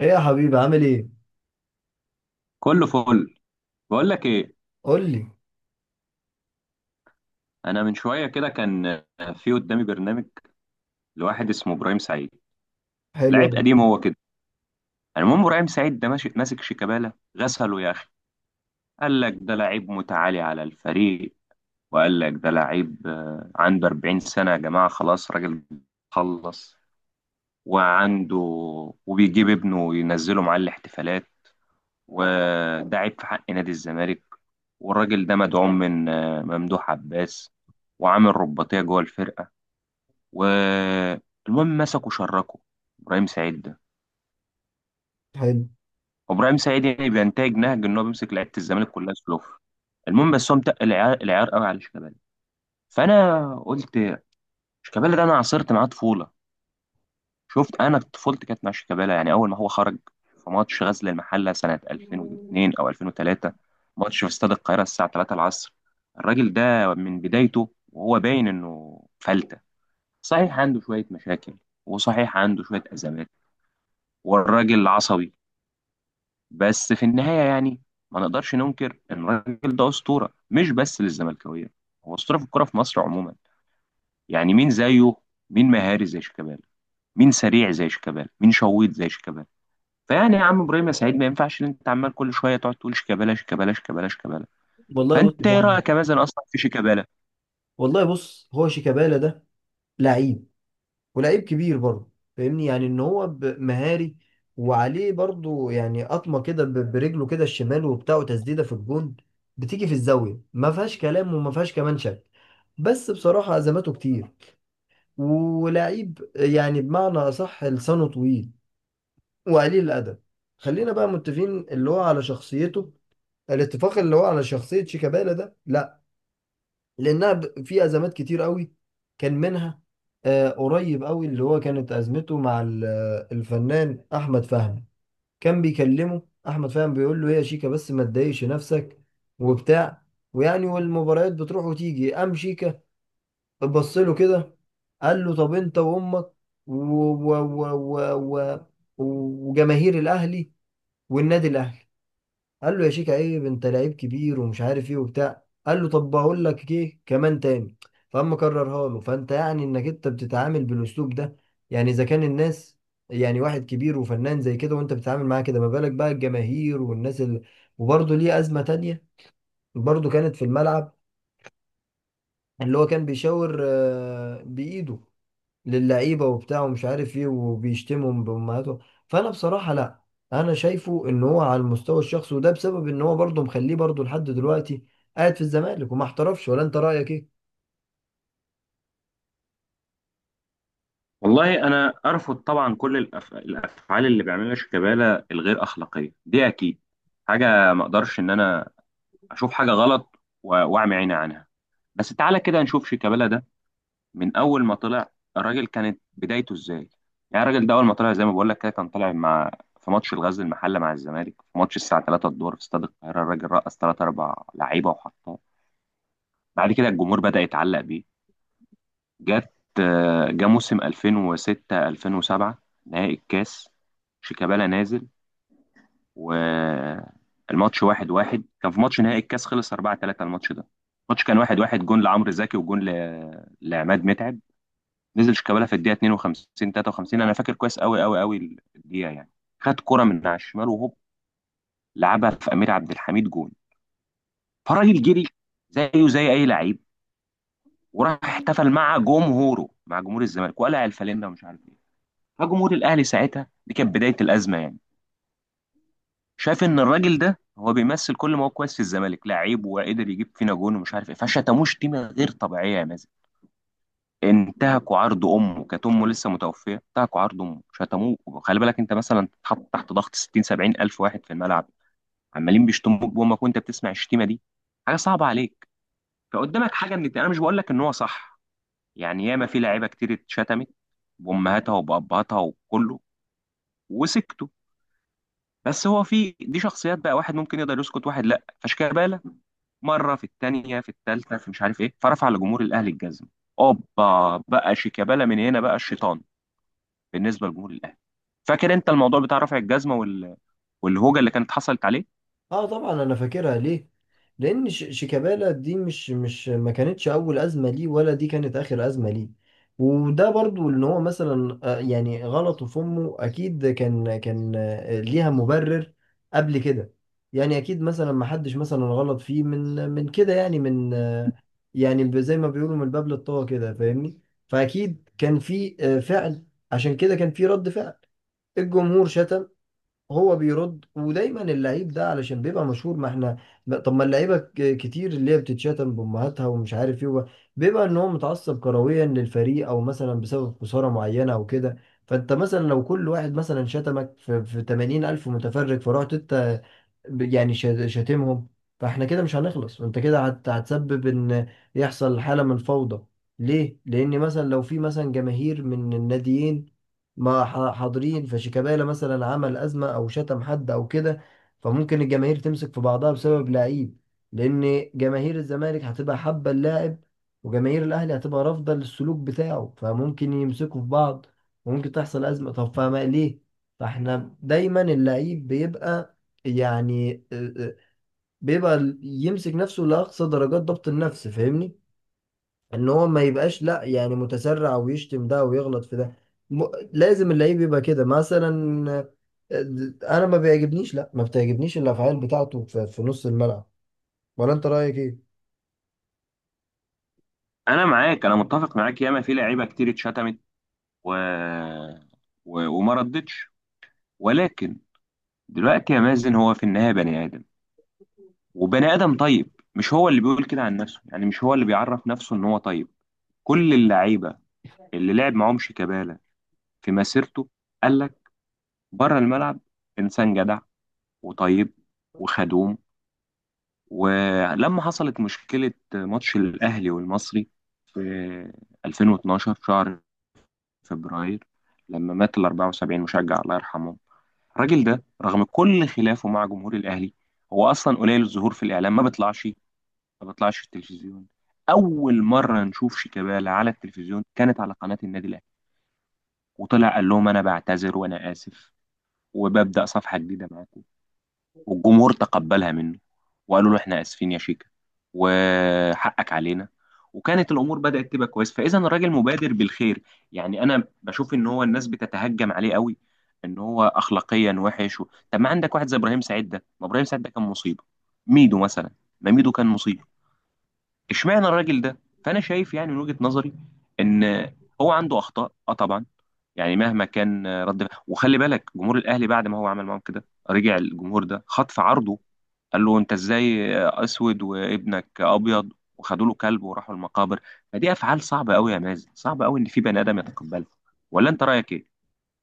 ايه يا حبيبي، عامل ايه؟ كله فل. بقول لك ايه، قول لي. انا من شويه كده كان في قدامي برنامج لواحد اسمه ابراهيم سعيد، حلو لعيب أوي، قديم هو كده. يعني المهم ابراهيم سعيد ده ماشي ماسك شيكابالا غسله يا اخي، قال لك ده لعيب متعالي على الفريق، وقال لك ده لعيب، عنده 40 سنه يا جماعه، خلاص راجل خلص وعنده وبيجيب ابنه وينزله معاه الاحتفالات، وده عيب في حق نادي الزمالك، والراجل ده مدعوم من ممدوح عباس، وعامل رباطيه جوه الفرقه، والمهم مسكوا شركوا ابراهيم سعيد ده. حلو. وابراهيم سعيد يعني بينتهج نهج ان هو بيمسك لعيبه الزمالك كلها سلوف. المهم بس هو متقل العيار قوي على شيكابالا. فانا قلت شيكابالا ده انا عاصرت معاه طفوله، شفت انا طفولتي كانت مع شيكابالا، يعني اول ما هو خرج في ماتش غزل المحله سنه 2002 او 2003، ماتش في استاد القاهره الساعه 3 العصر. الراجل ده من بدايته وهو باين انه فلته، صحيح عنده شويه مشاكل، وصحيح عنده شويه ازمات، والراجل عصبي، بس في النهاية يعني ما نقدرش ننكر إن الراجل ده أسطورة مش بس للزملكاوية، هو أسطورة في الكرة في مصر عموما. يعني مين زيه؟ مين مهاري زي شيكابالا؟ مين سريع زي شيكابالا؟ مين شويط زي شيكابالا؟ فيعني يا عم إبراهيم يا سعيد، ما ينفعش إن أنت عمال كل شوية تقعد تقول شيكابالا شيكابالا شيكابالا شيكابالا. والله بص يا فأنت إيه صاحبي. رأيك مثلا أصلا في شيكابالا؟ والله بص، هو شيكابالا ده لعيب، ولعيب كبير برضه، فاهمني؟ يعني ان هو مهاري، وعليه برضه يعني قطمه كده برجله كده الشمال وبتاع، وتسديده في الجون بتيجي في الزاويه، ما فيهاش كلام وما فيهاش كمان شك. بس بصراحه ازماته كتير، ولعيب يعني بمعنى اصح لسانه طويل وقليل الادب. خلينا بقى متفقين اللي هو على شخصيته، الاتفاق اللي هو على شخصية شيكابالا ده لا، لأنها في أزمات كتير قوي، كان منها قريب قوي اللي هو كانت أزمته مع الفنان أحمد فهمي. كان بيكلمه، أحمد فهمي بيقول له: إيه يا شيكا، بس ما تضايقش نفسك وبتاع. ويعني والمباريات بتروح وتيجي، قام شيكا بص له كده، قال له: طب أنت وأمك و... و... و... و... و... وجماهير الأهلي والنادي الأهلي. قال له: يا شيكا عيب، انت لعيب كبير ومش عارف ايه وبتاع. قال له: طب بقول لك ايه كمان تاني. فاما كررها له، فانت يعني انك انت بتتعامل بالاسلوب ده. يعني اذا كان الناس، يعني واحد كبير وفنان زي كده وانت بتتعامل معاه كده، ما بالك بقى الجماهير والناس اللي. وبرضه ليه ازمة تانية برضه كانت في الملعب، اللي هو كان بيشاور بايده للعيبه وبتاع ومش عارف ايه، وبيشتمهم بامهاتهم. فانا بصراحه لا، انا شايفه ان هو على المستوى الشخصي، وده بسبب ان هو برضه مخليه برضه لحد دلوقتي قاعد في الزمالك وما احترفش. ولا انت رايك ايه؟ والله أنا أرفض طبعا كل الأفعال اللي بيعملها شيكابالا الغير أخلاقية دي، أكيد حاجة ما أقدرش إن أنا اشوف حاجه غلط واعمي عيني عنها. بس تعالى كده نشوف شيكابالا ده من اول ما طلع الراجل كانت بدايته ازاي. يعني الراجل ده اول ما طلع زي ما بقول لك كده كان طالع مع في ماتش الغزل المحله مع الزمالك، في ماتش الساعه 3 الظهر في استاد القاهره، الراجل رقص 3 4 لعيبه وحطها. بعد كده الجمهور بدا يتعلق بيه. جت جه موسم 2006 2007 نهائي الكاس، شيكابالا نازل والماتش واحد واحد، كان في ماتش نهائي الكاس خلص 4-3 الماتش ده، الماتش كان واحد واحد، جون لعمرو زكي وجون لعماد متعب. نزل شيكابالا في الدقيقه 52 53، انا فاكر كويس قوي قوي قوي الدقيقه يعني. خد كرة من على الشمال وهوب، لعبها في امير عبد الحميد جون. فالراجل جري زيه زي اي لعيب، وراح احتفل مع جمهوره مع جمهور الزمالك وقلع الفانلة ومش عارف ايه. فجمهور الاهلي ساعتها دي كانت بدايه الازمه يعني، شايف ان الراجل ده هو بيمثل كل ما هو كويس في الزمالك لعيب وقدر يجيب فينا جون ومش عارف ايه، فشتموه شتيمه غير طبيعيه يا مازن، انتهكوا عرض امه، كانت امه لسه متوفيه، انتهكوا عرض امه شتموه. خلي بالك انت مثلا تتحط تحت ضغط 60 70 الف واحد في الملعب عمالين بيشتموك بامك وانت بتسمع الشتيمه دي، حاجه صعبه عليك. فقدامك حاجه من انا مش بقول لك ان هو صح، يعني ياما في لعيبه كتير اتشتمت بامهاتها وبابهاتها وكله وسكتوا، بس هو في دي شخصيات بقى، واحد ممكن يقدر يسكت واحد لا. فشكابالا مره في الثانيه في الثالثه في مش عارف ايه، فرفع لجمهور الاهلي الجزم. اوبا، بقى شيكابالا من هنا بقى الشيطان بالنسبه لجمهور الاهلي. فاكر انت الموضوع بتاع رفع الجزمه والهوجه اللي كانت حصلت عليه. اه طبعا انا فاكرها، ليه؟ لان شيكابالا دي مش ما كانتش اول ازمه ليه ولا دي كانت اخر ازمه ليه. وده برضو ان هو مثلا يعني غلطه في امه اكيد كان ليها مبرر قبل كده. يعني اكيد مثلا ما حدش مثلا غلط فيه من كده، يعني من يعني زي ما بيقولوا من الباب للطاقه كده، فاهمني؟ فاكيد كان في فعل، عشان كده كان في رد فعل. الجمهور شتم، هو بيرد. ودايما اللعيب ده علشان بيبقى مشهور، ما احنا. لا، طب ما اللعيبه كتير اللي هي بتتشتم بامهاتها ومش عارف ايه بيبقى ان هو متعصب كرويا للفريق، او مثلا بسبب خساره معينه او كده. فانت مثلا لو كل واحد مثلا شتمك في 80 الف متفرج، فرحت انت يعني شاتمهم، فاحنا كده مش هنخلص، وانت كده هتسبب ان يحصل حاله من الفوضى. ليه؟ لان مثلا لو في مثلا جماهير من الناديين، ما ح- حاضرين، فشيكابالا مثلا عمل أزمة أو شتم حد أو كده، فممكن الجماهير تمسك في بعضها بسبب لعيب، لأن جماهير الزمالك هتبقى حابة اللاعب، وجماهير الأهلي هتبقى رافضة للسلوك بتاعه، فممكن يمسكوا في بعض وممكن تحصل أزمة. طب فما ليه؟ فاحنا دايما اللعيب بيبقى يعني بيبقى يمسك نفسه لأقصى درجات ضبط النفس، فاهمني؟ ان هو ما يبقاش لا يعني متسرع، ويشتم ده ويغلط في ده م... لازم اللعيب يبقى كده مثلا. آه، انا ما بيعجبنيش، لا ما بتعجبنيش الافعال بتاعته في, نص الملعب. ولا انت رايك ايه؟ انا معاك، انا متفق معاك، ياما في لعيبه كتير اتشتمت و... وما ردتش، ولكن دلوقتي يا مازن، هو في النهايه بني ادم، وبني ادم طيب مش هو اللي بيقول كده عن نفسه، يعني مش هو اللي بيعرف نفسه ان هو طيب. كل اللعيبه اللي لعب معاهم شيكابالا في مسيرته قال بره الملعب انسان جدع وطيب وخدوم. ولما حصلت مشكله ماتش الاهلي والمصري في 2012 شهر فبراير، لما مات ال 74 مشجع الله يرحمه، الراجل ده رغم كل خلافه مع جمهور الاهلي، هو اصلا قليل الظهور في الاعلام، ما بيطلعش في التلفزيون. اول مره نشوف شيكابالا على التلفزيون كانت على قناه النادي الاهلي، وطلع قال لهم انا بعتذر وانا اسف وببدا صفحه جديده معاكم، والجمهور تقبلها منه، وقالوا له احنا اسفين يا شيكا وحقك علينا، وكانت الامور بدات تبقى كويس. فاذا الراجل مبادر بالخير، يعني انا بشوف ان هو الناس بتتهجم عليه قوي ان هو اخلاقيا وحش طب ما عندك واحد زي ابراهيم سعيد ده، ما ابراهيم سعيد ده كان مصيبه، ميدو مثلا، ما ميدو كان مصيبه. اشمعنى الراجل ده. فانا شايف يعني من وجهه نظري ان هو عنده اخطاء اه طبعا، يعني مهما كان رد. وخلي بالك جمهور الاهلي بعد ما هو عمل معاهم كده رجع الجمهور ده خطف عرضه، قال له انت ازاي اسود وابنك ابيض، وخدوا له كلب وراحوا المقابر. فدي افعال صعبه قوي يا مازن، صعب قوي ان في بني ادم يتقبلها. ولا انت رايك ايه؟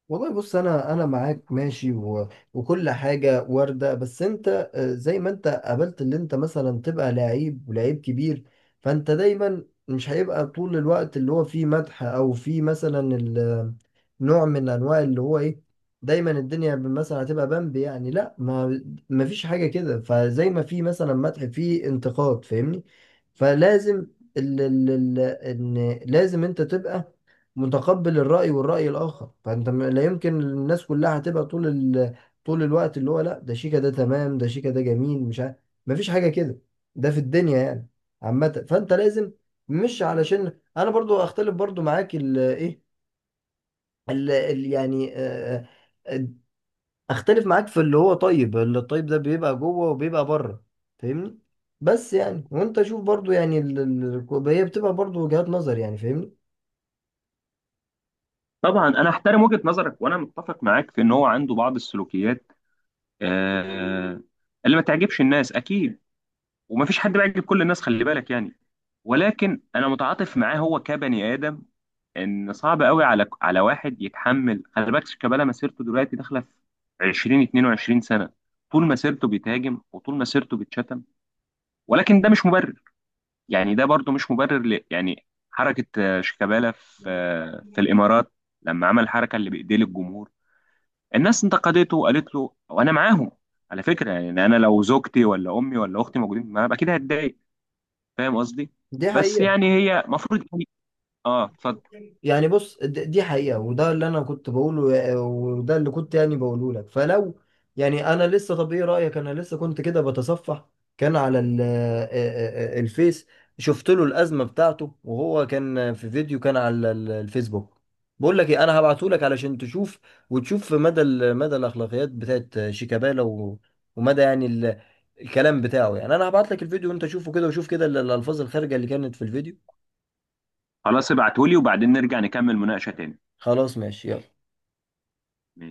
والله بص، انا معاك ماشي وكل حاجه وارده. بس انت زي ما انت قابلت، اللي انت مثلا تبقى لعيب ولعيب كبير، فانت دايما مش هيبقى طول الوقت اللي هو فيه مدح، او فيه مثلا نوع من انواع اللي هو ايه. دايما الدنيا مثلا هتبقى بامب، يعني لا، ما فيش حاجه كده، فزي ما في مثلا مدح في انتقاد، فاهمني؟ فلازم ال... ال... ان لازم انت تبقى متقبل الرأي والرأي الآخر. فأنت لا يمكن الناس كلها هتبقى طول طول الوقت اللي هو لا ده شيكا ده تمام ده شيكا ده جميل مش عارف. مفيش حاجة كده ده في الدنيا، يعني عامة، فأنت لازم، مش علشان أنا برضو أختلف برضو معاك إيه يعني آه، أختلف معاك في اللي هو طيب، اللي الطيب ده بيبقى جوه وبيبقى بره، فاهمني؟ بس يعني وأنت شوف برضو، يعني هي بتبقى برضو وجهات نظر، يعني فاهمني. طبعا انا احترم وجهه نظرك وانا متفق معاك في ان هو عنده بعض السلوكيات، آه اللي ما تعجبش الناس اكيد، ومفيش حد بيعجب كل الناس خلي بالك يعني. ولكن انا متعاطف معاه هو كبني ادم، ان صعب قوي على واحد يتحمل. خلي بالك شيكابالا مسيرته دلوقتي داخله في 20 22 سنه، طول مسيرته بيتهاجم وطول مسيرته بيتشتم، ولكن ده مش مبرر، يعني ده برضو مش مبرر يعني حركه شيكابالا في في الامارات، لما عمل الحركه اللي بايديه للجمهور، الناس انتقدته وقالت له وانا معاهم. على فكره يعني انا لو زوجتي ولا امي ولا اختي موجودين معايا اكيد هتضايق، فاهم قصدي. دي بس حقيقة. يعني هي المفروض. اه اتفضل. يعني بص دي حقيقة، وده اللي أنا كنت بقوله وده اللي كنت يعني بقوله لك. فلو يعني أنا لسه، طب إيه رأيك، أنا لسه كنت كده بتصفح، كان على الفيس، شفت له الأزمة بتاعته، وهو كان في فيديو كان على الفيسبوك. بقول لك إيه، أنا هبعته لك علشان تشوف، وتشوف مدى مدى الأخلاقيات بتاعت شيكابالا ومدى يعني الكلام بتاعه. يعني أنا هبعت لك الفيديو وأنت شوفه كده، وشوف كده الألفاظ الخارجة اللي كانت في الفيديو. خلاص ابعتهولي وبعدين نرجع نكمل مناقشه تاني. خلاص ماشي، يلا. مم.